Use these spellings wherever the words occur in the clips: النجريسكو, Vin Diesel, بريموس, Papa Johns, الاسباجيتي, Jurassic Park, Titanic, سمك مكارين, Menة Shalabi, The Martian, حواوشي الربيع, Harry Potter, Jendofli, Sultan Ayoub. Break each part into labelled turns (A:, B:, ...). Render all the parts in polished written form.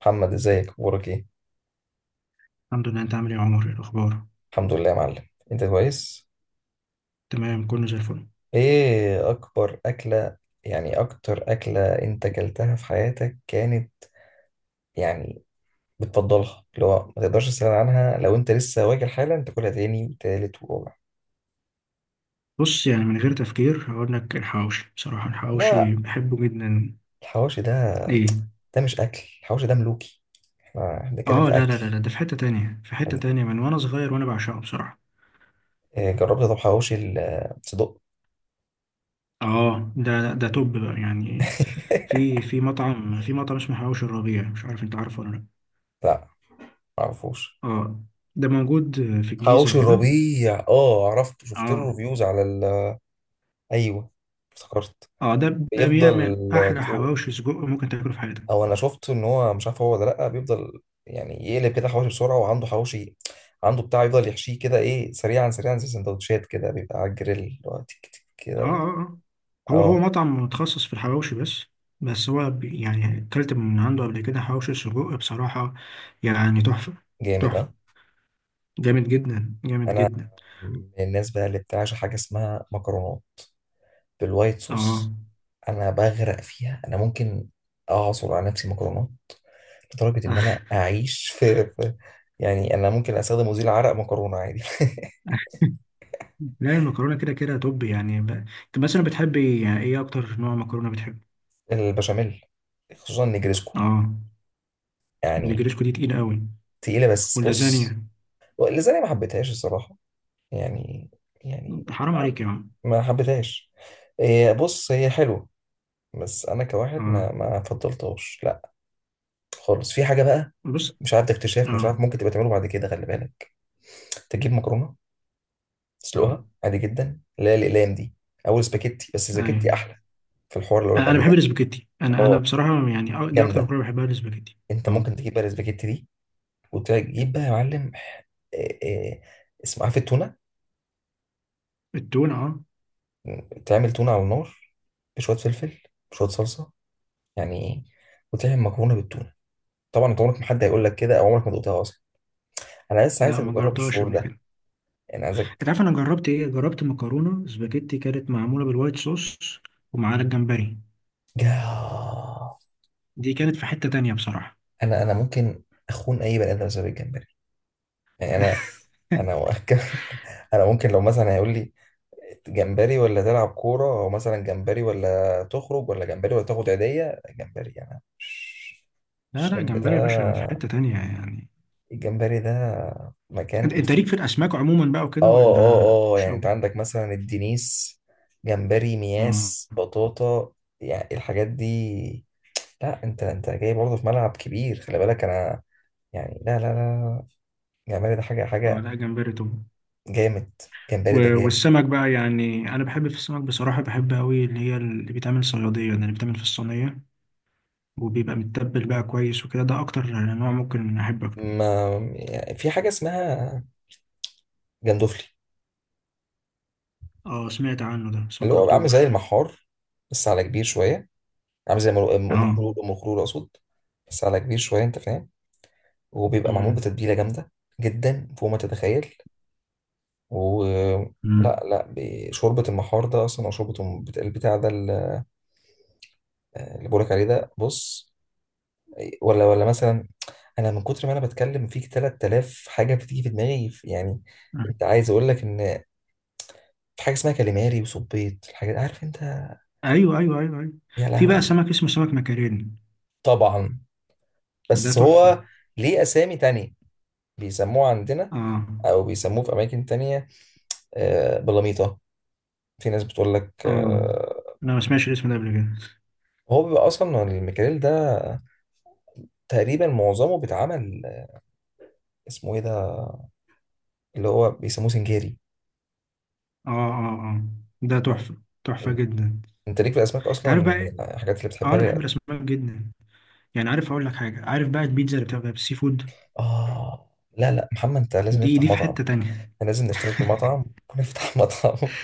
A: محمد، ازيك؟ اخبارك ايه؟
B: الحمد لله، انت عامل ايه يا عمر؟ ايه الاخبار؟
A: الحمد لله يا معلم، انت كويس؟
B: تمام، كله زي الفل.
A: ايه اكبر اكلة، يعني اكتر اكلة انت اكلتها في حياتك كانت، يعني بتفضلها اللي هو ما تقدرش تستغنى عنها، لو انت لسه واكل حالا تاكلها تاني وتالت ورابع؟
B: بص، يعني من غير تفكير هقول لك الحواوشي، بصراحه
A: لا،
B: الحواوشي بحبه جدا.
A: الحواوشي ده،
B: ايه.
A: ده مش اكل. الحواوشي ده ملوكي. إحنا بنتكلم
B: اه،
A: في
B: لا
A: اكل.
B: لا لا لا، ده في حته تانية،
A: إحنا-
B: من وانا صغير وانا بعشقه بصراحه.
A: إيه، جربت طب حواوشي الصدق؟
B: اه، ده توب بقى يعني. في مطعم اسمه حواوشي الربيع، مش عارف انت عارفه ولا لا.
A: لا، معرفوش.
B: اه، ده موجود في الجيزه
A: حواوشي
B: كده.
A: الربيع، اه عرفته، شفت له
B: اه
A: ريفيوز على ال... ايوه افتكرت.
B: اه، ده بيعمل
A: بيفضل
B: احلى
A: طول.
B: حواوشي سجق ممكن تاكله في حياتك.
A: او انا شفت ان هو مش عارف هو ولا لا، بيفضل يعني يقلب كده حواوشي بسرعه، وعنده حواوشي، عنده بتاع يفضل يحشيه كده، ايه، سريعا سريعا زي سندوتشات كده، بيبقى على الجريل اللي هو تك تك
B: اه
A: كده و-
B: اه اه، هو
A: اه
B: مطعم متخصص في الحواوشي بس. بس هو يعني اكلت من عنده قبل كده حواوشي سجق بصراحة، يعني تحفة.
A: جامد اه.
B: تحفة، جامد جدا جامد
A: انا
B: جدا.
A: من الناس بقى اللي بتعشى حاجه اسمها مكرونات بالوايت
B: اه.
A: صوص. انا بغرق فيها، انا ممكن اعصر على نفسي مكرونات، لدرجه ان انا اعيش يعني انا ممكن استخدم مزيل عرق مكرونه عادي.
B: لا، المكرونة كده كده توب يعني انت مثلا بتحبي يعني ايه اكتر نوع مكرونة بتحب؟
A: البشاميل، خصوصا نجرسكو
B: اه.
A: يعني.
B: النجريسكو دي تقيل قوي،
A: تقيلة بس بص،
B: واللازانيا.
A: لازالي ما حبيتهاش الصراحة، يعني، يعني،
B: حرام
A: عم-
B: عليك يا عم.
A: ما حبيتهاش. إيه، بص هي حلوة، بس أنا كواحد ما
B: اه.
A: ما فضلتهاش، لا خالص. في حاجة بقى،
B: بص.
A: مش عارف ده اكتشاف، مش
B: اه
A: عارف، ممكن تبقى تعمله بعد كده، خلي بالك. تجيب مكرونة،
B: اه.
A: تسلقها عادي جدا، اللي هي الأقلام دي، أو سباكيتي، بس
B: ايوه.
A: سباكيتي أحلى، في الحوار اللي بقولك
B: انا
A: عليه
B: بحب
A: ده.
B: الاسباجيتي، انا
A: اه
B: بصراحة يعني دي اكتر
A: جامدة.
B: مكرونة بحبها الاسباجيتي.
A: أنت
B: اه.
A: ممكن تجيب بقى السباكيتي دي وتجيب بقى يا معلم إيه، إيه، اسمه، عارف، التونة.
B: التونة، اه.
A: تعمل تونة على النار، بشوية فلفل، بشوية صلصة، يعني إيه؟ وتعمل مكرونة بالتونة. طبعا انت عمرك ما حد هيقول لك كده، او عمرك ما دقتها اصلا. انا بس
B: لا،
A: عايزك
B: ما
A: تجرب
B: جربتهاش
A: الشعور
B: قبل
A: ده،
B: كده.
A: يعني
B: انت
A: عايزك.
B: عارف انا جربت ايه؟ جربت مكرونه سباجيتي كانت معموله بالوايت صوص ومعاها الجمبري.
A: جاه.
B: دي كانت في حته تانية بصراحه.
A: انا ممكن اخون اي بني ادم بسبب الجمبري. يعني انا، انا، انا ممكن لو مثلا هيقول لي جمبري ولا تلعب كورة، او مثلا جمبري ولا تخرج، ولا جمبري ولا تاخد عيدية، جمبري. يعني انا مش-
B: لا لا،
A: الشريمب ده،
B: جمبري يا باشا في حته تانية يعني.
A: الجمبري ده
B: انت
A: مكان.
B: انت ليك في الاسماك عموما بقى وكده
A: اه
B: ولا
A: اه اه،
B: مش
A: يعني انت
B: قوي؟
A: عندك مثلا الدنيس، جمبري،
B: اه
A: مياس، بطاطا، يعني الحاجات دي. لا انت جاي برضه في ملعب كبير خلي بالك. انا يعني لا لا لا لا، جمبري ده حاجة،
B: اه،
A: حاجة
B: لا جمبري طبعا.
A: جامد. جمبري ده جامد.
B: والسمك بقى يعني، انا بحب في السمك بصراحه، بحب قوي، اللي هي اللي بيتعمل صياديه ده، اللي بيتعمل في الصينيه وبيبقى متبل بقى كويس وكده، ده اكتر نوع ممكن احب اكله.
A: ما يعني في حاجة اسمها جندوفلي،
B: اه، سمعت عنه ده بس ما
A: اللي هو عامل زي
B: جربتوش.
A: المحار بس على كبير شوية. عامل زي مر- ام أم
B: اه.
A: خلول، ام خلول اقصد، بس على كبير شوية انت فاهم، وبيبقى معمول
B: مم.
A: بتتبيلة جامدة جدا فوق ما تتخيل. ولا،
B: مم.
A: لا لا، شوربة المحار ده أصلا، أو شوربة البتاع ده اللي بقولك عليه ده بص. ولا مثلا، أنا من كتر ما أنا بتكلم فيك 3000 حاجة بتيجي في دماغي يعني.
B: آه.
A: أنت عايز أقول لك إن في حاجة اسمها كاليماري وصبيط، الحاجات، عارف أنت.
B: ايوه ايوه ايوه ايوه.
A: يا
B: في بقى
A: لهوي.
B: سمك اسمه سمك مكارين،
A: طبعا.
B: ده
A: بس هو
B: تحفه.
A: ليه أسامي تانية، بيسموه عندنا
B: اه
A: أو بيسموه في أماكن تانية آه، بلاميطة. في ناس بتقول لك
B: اه،
A: آه،
B: انا ما سمعتش الاسم ده قبل كده.
A: هو بيبقى أصلا الميكاريل ده تقريبا معظمه بيتعمل آه، اسمه إيه ده، اللي هو بيسموه سنجاري.
B: اه اه اه، ده تحفه، تحفه
A: إن-
B: جدا.
A: انت ليك في الاسماك
B: انت
A: اصلا
B: عارف بقى إيه؟
A: من الحاجات اللي
B: اه،
A: بتحبها
B: انا بحب
A: لي؟
B: الاسماك جدا. يعني عارف اقول لك حاجه؟ عارف بقى البيتزا اللي بتبقى بالسي فود؟
A: اه لا لا محمد، انت لازم
B: دي
A: نفتح
B: دي في
A: مطعم.
B: حته تانية.
A: إحنا لازم نشترك في مطعم ونفتح مطعم،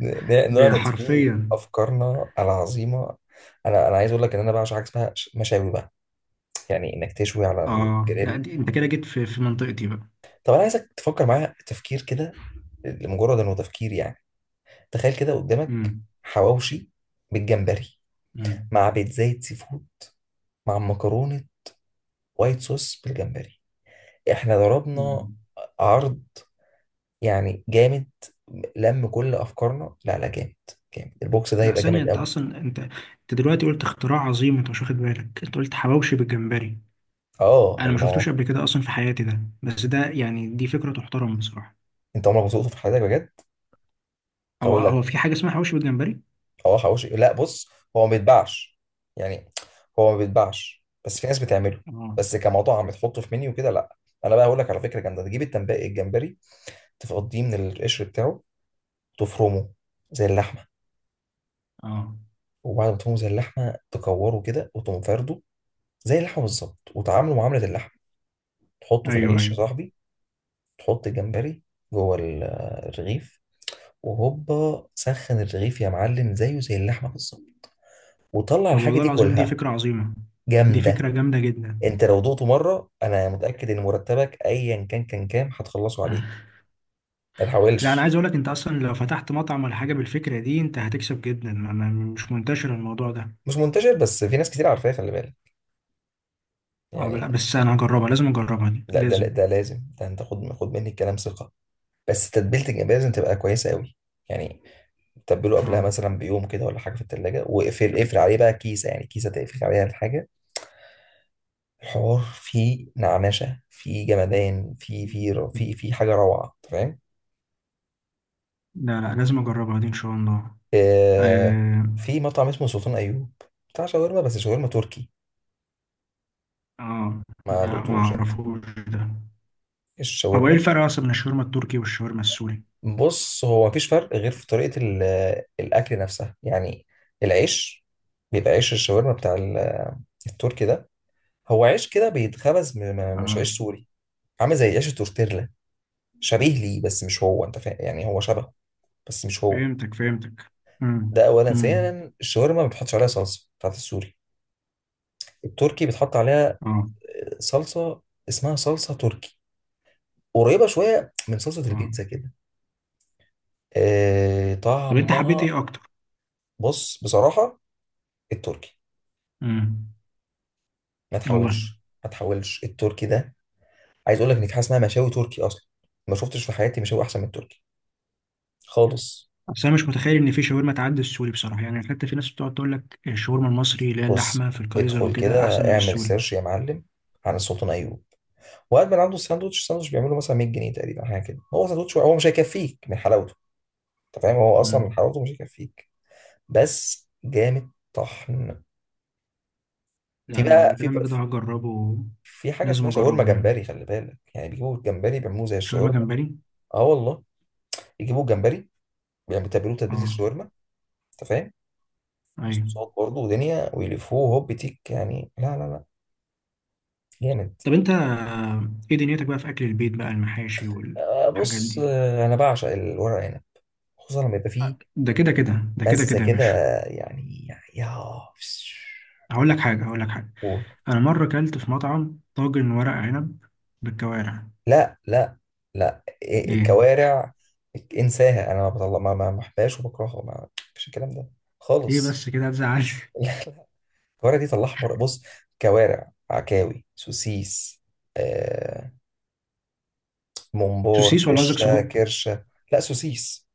A: نعرض فيه
B: حرفيا.
A: افكارنا العظيمه. انا عايز اقول لك ان انا بعشق حاجه اسمها مشاوي بقى، يعني انك تشوي على
B: اه، لا
A: الجريل.
B: دي انت كده جيت في منطقتي بقى.
A: طب انا عايزك تفكر معايا تفكير كده، لمجرد انه تفكير يعني. تخيل كده قدامك
B: امم.
A: حواوشي بالجمبري،
B: امم.
A: مع بيتزاية سي فود، مع مكرونه وايت صوص بالجمبري، احنا ضربنا
B: أمم.
A: عرض، يعني جامد لم كل افكارنا. لا لا جامد، جامد، البوكس ده
B: لا
A: هيبقى
B: ثانيه،
A: جامد
B: انت
A: قوي.
B: اصلا انت دلوقتي قلت اختراع عظيم، انت مش واخد بالك؟ انت قلت حواوشي بالجمبري،
A: اه
B: انا
A: اللي
B: ما
A: ما هو
B: شفتوش قبل كده اصلا في حياتي ده، بس ده يعني دي فكره تحترم بصراحه.
A: انت عمرك ما سوقته في حياتك بجد.
B: هو
A: هقول لك
B: هو في حاجه اسمها حواوشي بالجمبري؟
A: اه حواوشي لا، بص هو ما بيتباعش يعني، هو ما بيتباعش بس في ناس بتعمله،
B: اه.
A: بس كمطعم تحطه في منيو كده لا. انا بقى هقول لك على فكره جامده. تجيب التنباقي الجمبري، تفضيه من القشر بتاعه، تفرمه زي اللحمه،
B: اه.
A: وبعد ما تفرمه زي اللحمه، تكوره كده وتقوم فارده زي اللحمه بالظبط، وتعامله معامله اللحمه. تحطه في
B: ايوه
A: العيش يا
B: ايوه.
A: صاحبي. تحط الجمبري جوه الرغيف، وهوبا، سخن الرغيف يا معلم زيه زي اللحمه بالظبط، وطلع
B: طب
A: الحاجه
B: والله
A: دي
B: العظيم دي
A: كلها
B: فكره عظيمه، دي
A: جامده.
B: فكره جامده جدا.
A: انت لو دقته مره انا متاكد ان مرتبك ايا كان كام هتخلصه عليه. ما
B: لا، انا
A: تحاولش.
B: عايز اقول لك انت اصلا لو فتحت مطعم ولا حاجه بالفكره دي انت هتكسب جدا، مش منتشر الموضوع ده.
A: مش منتشر بس في ناس كتير عارفاه خلي بالك
B: اه، لا
A: يعني.
B: بس انا هجربها، لازم اجربها دي
A: لا ده لا
B: لازم.
A: ده لازم ده انت خد مني الكلام ثقه. بس تتبيله الجمبري لازم تبقى كويسه قوي يعني. تبله قبلها
B: اه،
A: مثلا بيوم كده ولا حاجه في التلاجة، واقفل عليه بقى كيسه، يعني كيسه تقفل عليها الحاجه. الحوار فيه نعنشة، فيه جمدان، فيه حاجة روعة أنت فاهم.
B: لا لا لازم اجربها دي ان شاء الله.
A: آه،
B: اه.
A: في مطعم اسمه سلطان أيوب، بتاع شاورما، بس شاورما تركي.
B: آه.
A: ما
B: لا، ما
A: دقتوش أنت
B: اعرفوش ده. هو ايه
A: الشاورما؟
B: الفرق اصلا بين الشاورما التركي والشاورما السوري؟
A: بص هو مفيش فرق غير في طريقة الأكل نفسها يعني. العيش بيبقى عيش الشاورما بتاع التركي ده، هو عيش كده بيتخبز مش
B: اه،
A: عيش سوري، عامل زي عيش التورتيلا، شبيه ليه بس مش هو، أنت فاهم يعني، هو شبهه بس مش هو.
B: فهمتك فهمتك. امم.
A: ده اولا.
B: امم.
A: ثانيا الشاورما ما بتحطش عليها صلصه بتاعت السوري، التركي بتحط عليها
B: اه.
A: آه، صلصه اسمها صلصه تركي، قريبه شويه من صلصه
B: اه.
A: البيتزا كده آه
B: طب انت حبيت
A: طعمها.
B: ايه اكتر؟
A: بص بصراحه التركي.
B: امم.
A: ما
B: والله.
A: تحاولش، ما تحاولش التركي ده. عايز اقول لك ان في حاجه اسمها مشاوي تركي اصلا، ما شفتش في حياتي مشاوي احسن من التركي خالص.
B: اصل انا مش متخيل ان في شاورما تعدي السوري بصراحه، يعني حتى في ناس بتقعد تقول لك الشاورما المصري اللي هي
A: بص
B: اللحمه في الكايزر
A: ادخل كده،
B: وكده احسن من
A: اعمل
B: السوري.
A: سيرش يا معلم عن السلطان ايوب، وقعد من عنده الساندوتش، الساندوتش بيعمله مثلا 100 جنيه تقريبا حاجه كده، هو ساندوتش هو مش هيكفيك من حلاوته، انت فاهم، هو اصلا من
B: امم.
A: حلاوته مش هيكفيك، بس جامد طحن.
B: لا،
A: في
B: انا على
A: بقى في بقى
B: كلامك ده هجربه.
A: في حاجه
B: لازم
A: اسمها شاورما
B: اجربه يعني.
A: جمبري خلي بالك، يعني بيجيبوا الجمبري بيعملوه زي
B: شاورما
A: الشاورما.
B: جمبري.
A: اه والله، بيجيبوا الجمبري، يعني بيتبلوه تتبيله
B: اه.
A: الشاورما، انت فاهم،
B: ايوه.
A: بصوصات برضه ودنيا، ويلفوه هوب تيك يعني، لا لا لا جامد.
B: طب انت، ايه دنيتك بقى في اكل البيت بقى، المحاشي
A: آه،
B: والحاجات
A: بص
B: دي؟
A: آه، انا بعشق الورق عنب، خصوصا لما يبقى فيه
B: آه، ده كده كده، ده كده
A: مزه
B: كده يا
A: كده
B: باشا.
A: يعني. يا.
B: هقول لك حاجة، هقول لك حاجة.
A: قول.
B: أنا مرة كلت في مطعم طاجن ورق عنب بالكوارع.
A: لا لا لا
B: إيه.
A: الكوارع انساها، انا ما بطلع، ما بحبهاش وبكرهها، ما مفيش الكلام ده
B: إيه،
A: خالص.
B: بس كده هتزعل.
A: الكوارع دي طلعها بره بص، كوارع، عكاوي، سوسيس آه، ممبار،
B: سوسيس ولا قصدك
A: فشه،
B: سجق؟
A: كرشه. لا سوسيس.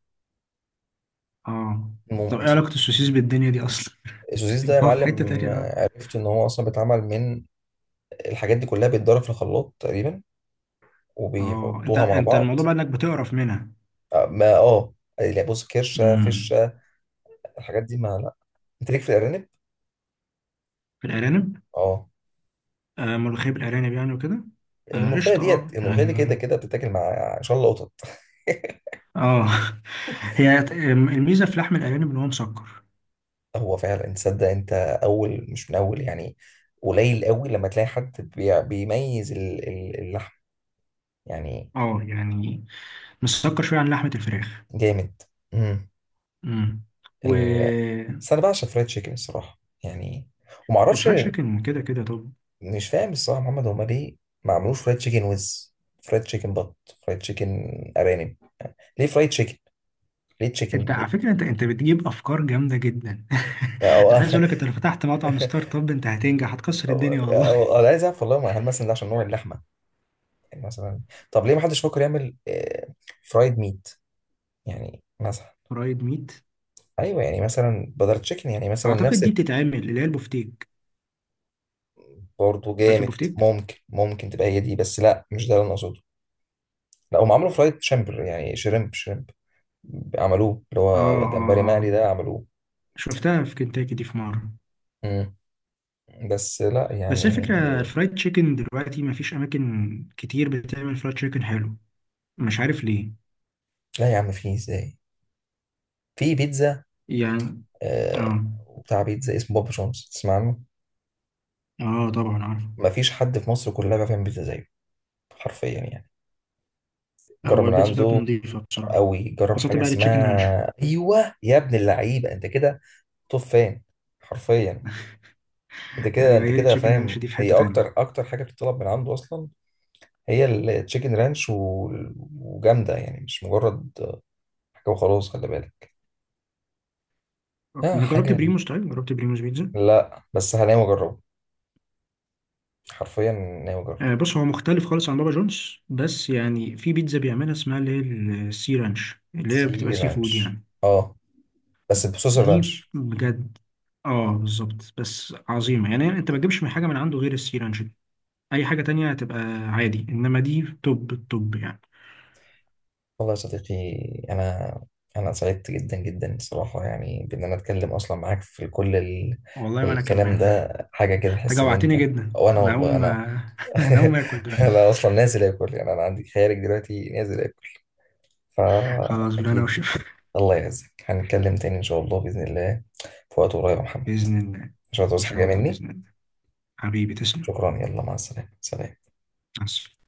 B: آه.
A: مم...
B: طب إيه
A: سو-
B: علاقة السوسيس بالدنيا دي أصلا؟
A: السوسيس ده يا
B: هو في حتة
A: معلم
B: تانية بقى.
A: آه، عرفت ان هو اصلا بيتعمل من الحاجات دي كلها، بيتضرب في الخلاط تقريبا
B: آه، أنت
A: وبيحطوها مع
B: أنت
A: بعض.
B: الموضوع بقى إنك بتقرف منها.
A: آه، ما اه، لا بص كرشه
B: امم.
A: فشه الحاجات دي ما لا. انت ليك في الارانب.
B: في الأرانب.
A: اه.
B: آه، ملوخية بالأرانب يعني وكده. آه
A: الملوخية
B: قشطة،
A: ديت،
B: آه
A: الملوخية دي
B: يعني.
A: كده كده بتتاكل مع شلة قطط.
B: آه. هي الميزة في لحم الأرانب إن هو مسكر.
A: هو فعلا تصدق انت، اول مش من اول يعني، قليل قوي لما تلاقي حد بيميز اللحم يعني.
B: آه يعني، مسكر شوية عن لحمة الفراخ.
A: جامد. امم.
B: امم. و
A: ال... بس انا بعشق فرايد تشيكن الصراحه يعني، وما اعرفش،
B: الفرايد تشيكن كده كده طب.
A: مش فاهم الصراحه محمد هما ليه ما عملوش فرايد تشيكن ويز، فرايد تشيكن بط، فرايد تشيكن ارانب. ليه فرايد تشيكن، ليه
B: انت
A: تشيكن
B: على
A: ليه.
B: فكره انت بتجيب افكار جامده جدا.
A: او
B: انا عايز
A: او
B: اقول لك انت لو فتحت مطعم ستارت اب انت هتنجح، هتكسر الدنيا والله.
A: انا عايز اعرف والله هل مثلا ده عشان نوع اللحمه يعني مثلا. طب ليه ما حدش فكر يعمل فرايد ميت يعني مثلا.
B: فرايد ميت.
A: ايوه يعني مثلا بدل تشيكن يعني مثلا
B: اعتقد
A: نفس.
B: دي بتتعمل اللي هي البفتيك.
A: برضه
B: عارف
A: جامد
B: البفتيك؟
A: ممكن، ممكن تبقى هي دي، بس لا مش ده اللي انا اقصده. لا هم عملوا فرايد شامبر يعني شريمب، عملوه اللي
B: اه
A: هو
B: اه
A: جمبري
B: اه،
A: مقلي ده عملوه.
B: شفتها في كنتاكي دي في مره.
A: مم. بس لا
B: بس هي
A: يعني.
B: فكره الفرايد تشيكن دلوقتي ما فيش اماكن كتير بتعمل فرايد تشيكن حلو، مش عارف ليه.
A: لا يا عم في ازاي، في بيتزا
B: يعني.
A: آه،
B: اه.
A: بتاع بيتزا اسمه بابا جونز تسمع عنه.
B: اه طبعا عارف.
A: مفيش حد في مصر كلها بيعرف يعمل بيتزا زيه، حرفيا يعني. جرب
B: هو
A: من
B: البيتزا بتاعته
A: عنده
B: نظيفه بصراحه،
A: قوي. جرب
B: خاصه
A: حاجه
B: بقى التشيكن رانش.
A: اسمها ايوه يا ابن اللعيبه انت كده توب فان، حرفيا. انت كده،
B: ايوه،
A: انت
B: هي
A: كده
B: التشيكن رانش
A: فاهم
B: دي في
A: هي
B: حته
A: اكتر
B: تانية.
A: اكتر حاجه بتطلب من عنده اصلا. هي التشيكن رانش و- وجامده يعني، مش مجرد حاجه وخلاص، خلي بالك. اه
B: انا جربت
A: حاجه.
B: بريموس، طيب جربت بريموس بيتزا.
A: لا بس هناوي اجربه، حرفيا ناوي اجربه.
B: آه بص، هو مختلف خالص عن بابا جونز، بس يعني في بيتزا بيعملها اسمها اللي هي السي رانش، اللي هي بتبقى
A: سي
B: سي فود
A: رانش
B: يعني.
A: اه، بس بصوص
B: دي
A: الرانش.
B: بجد. اه بالظبط، بس عظيمه يعني، انت ما تجيبش من حاجه من عنده غير السي رانش دي، اي حاجه تانية هتبقى عادي، انما دي توب التوب يعني.
A: والله يا صديقي، أنا، أنا سعدت جدا جدا الصراحة، يعني بإن أنا أتكلم أصلا معاك في كل ال...
B: والله، وانا كمان.
A: الكلام ده حاجة كده،
B: انت
A: أحس إن أنت.
B: جوعتني جدا،
A: أو أنا
B: انا
A: والله
B: هقوم،
A: أنا
B: انا هقوم اكل دلوقتي.
A: أنا أصلا نازل آكل يعني، أنا عندي خيارك دلوقتي نازل آكل،
B: خلاص بالله، انا
A: فأكيد.
B: وشف.
A: الله يعزك، هنتكلم تاني إن شاء الله بإذن الله، في وقت قريب يا محمد.
B: باذن الله.
A: مش
B: ان
A: هتعوز
B: شاء
A: حاجة
B: الله،
A: مني.
B: باذن الله. حبيبي تسلم.
A: شكرا، يلا مع السلامة، سلام.
B: مع السلامة.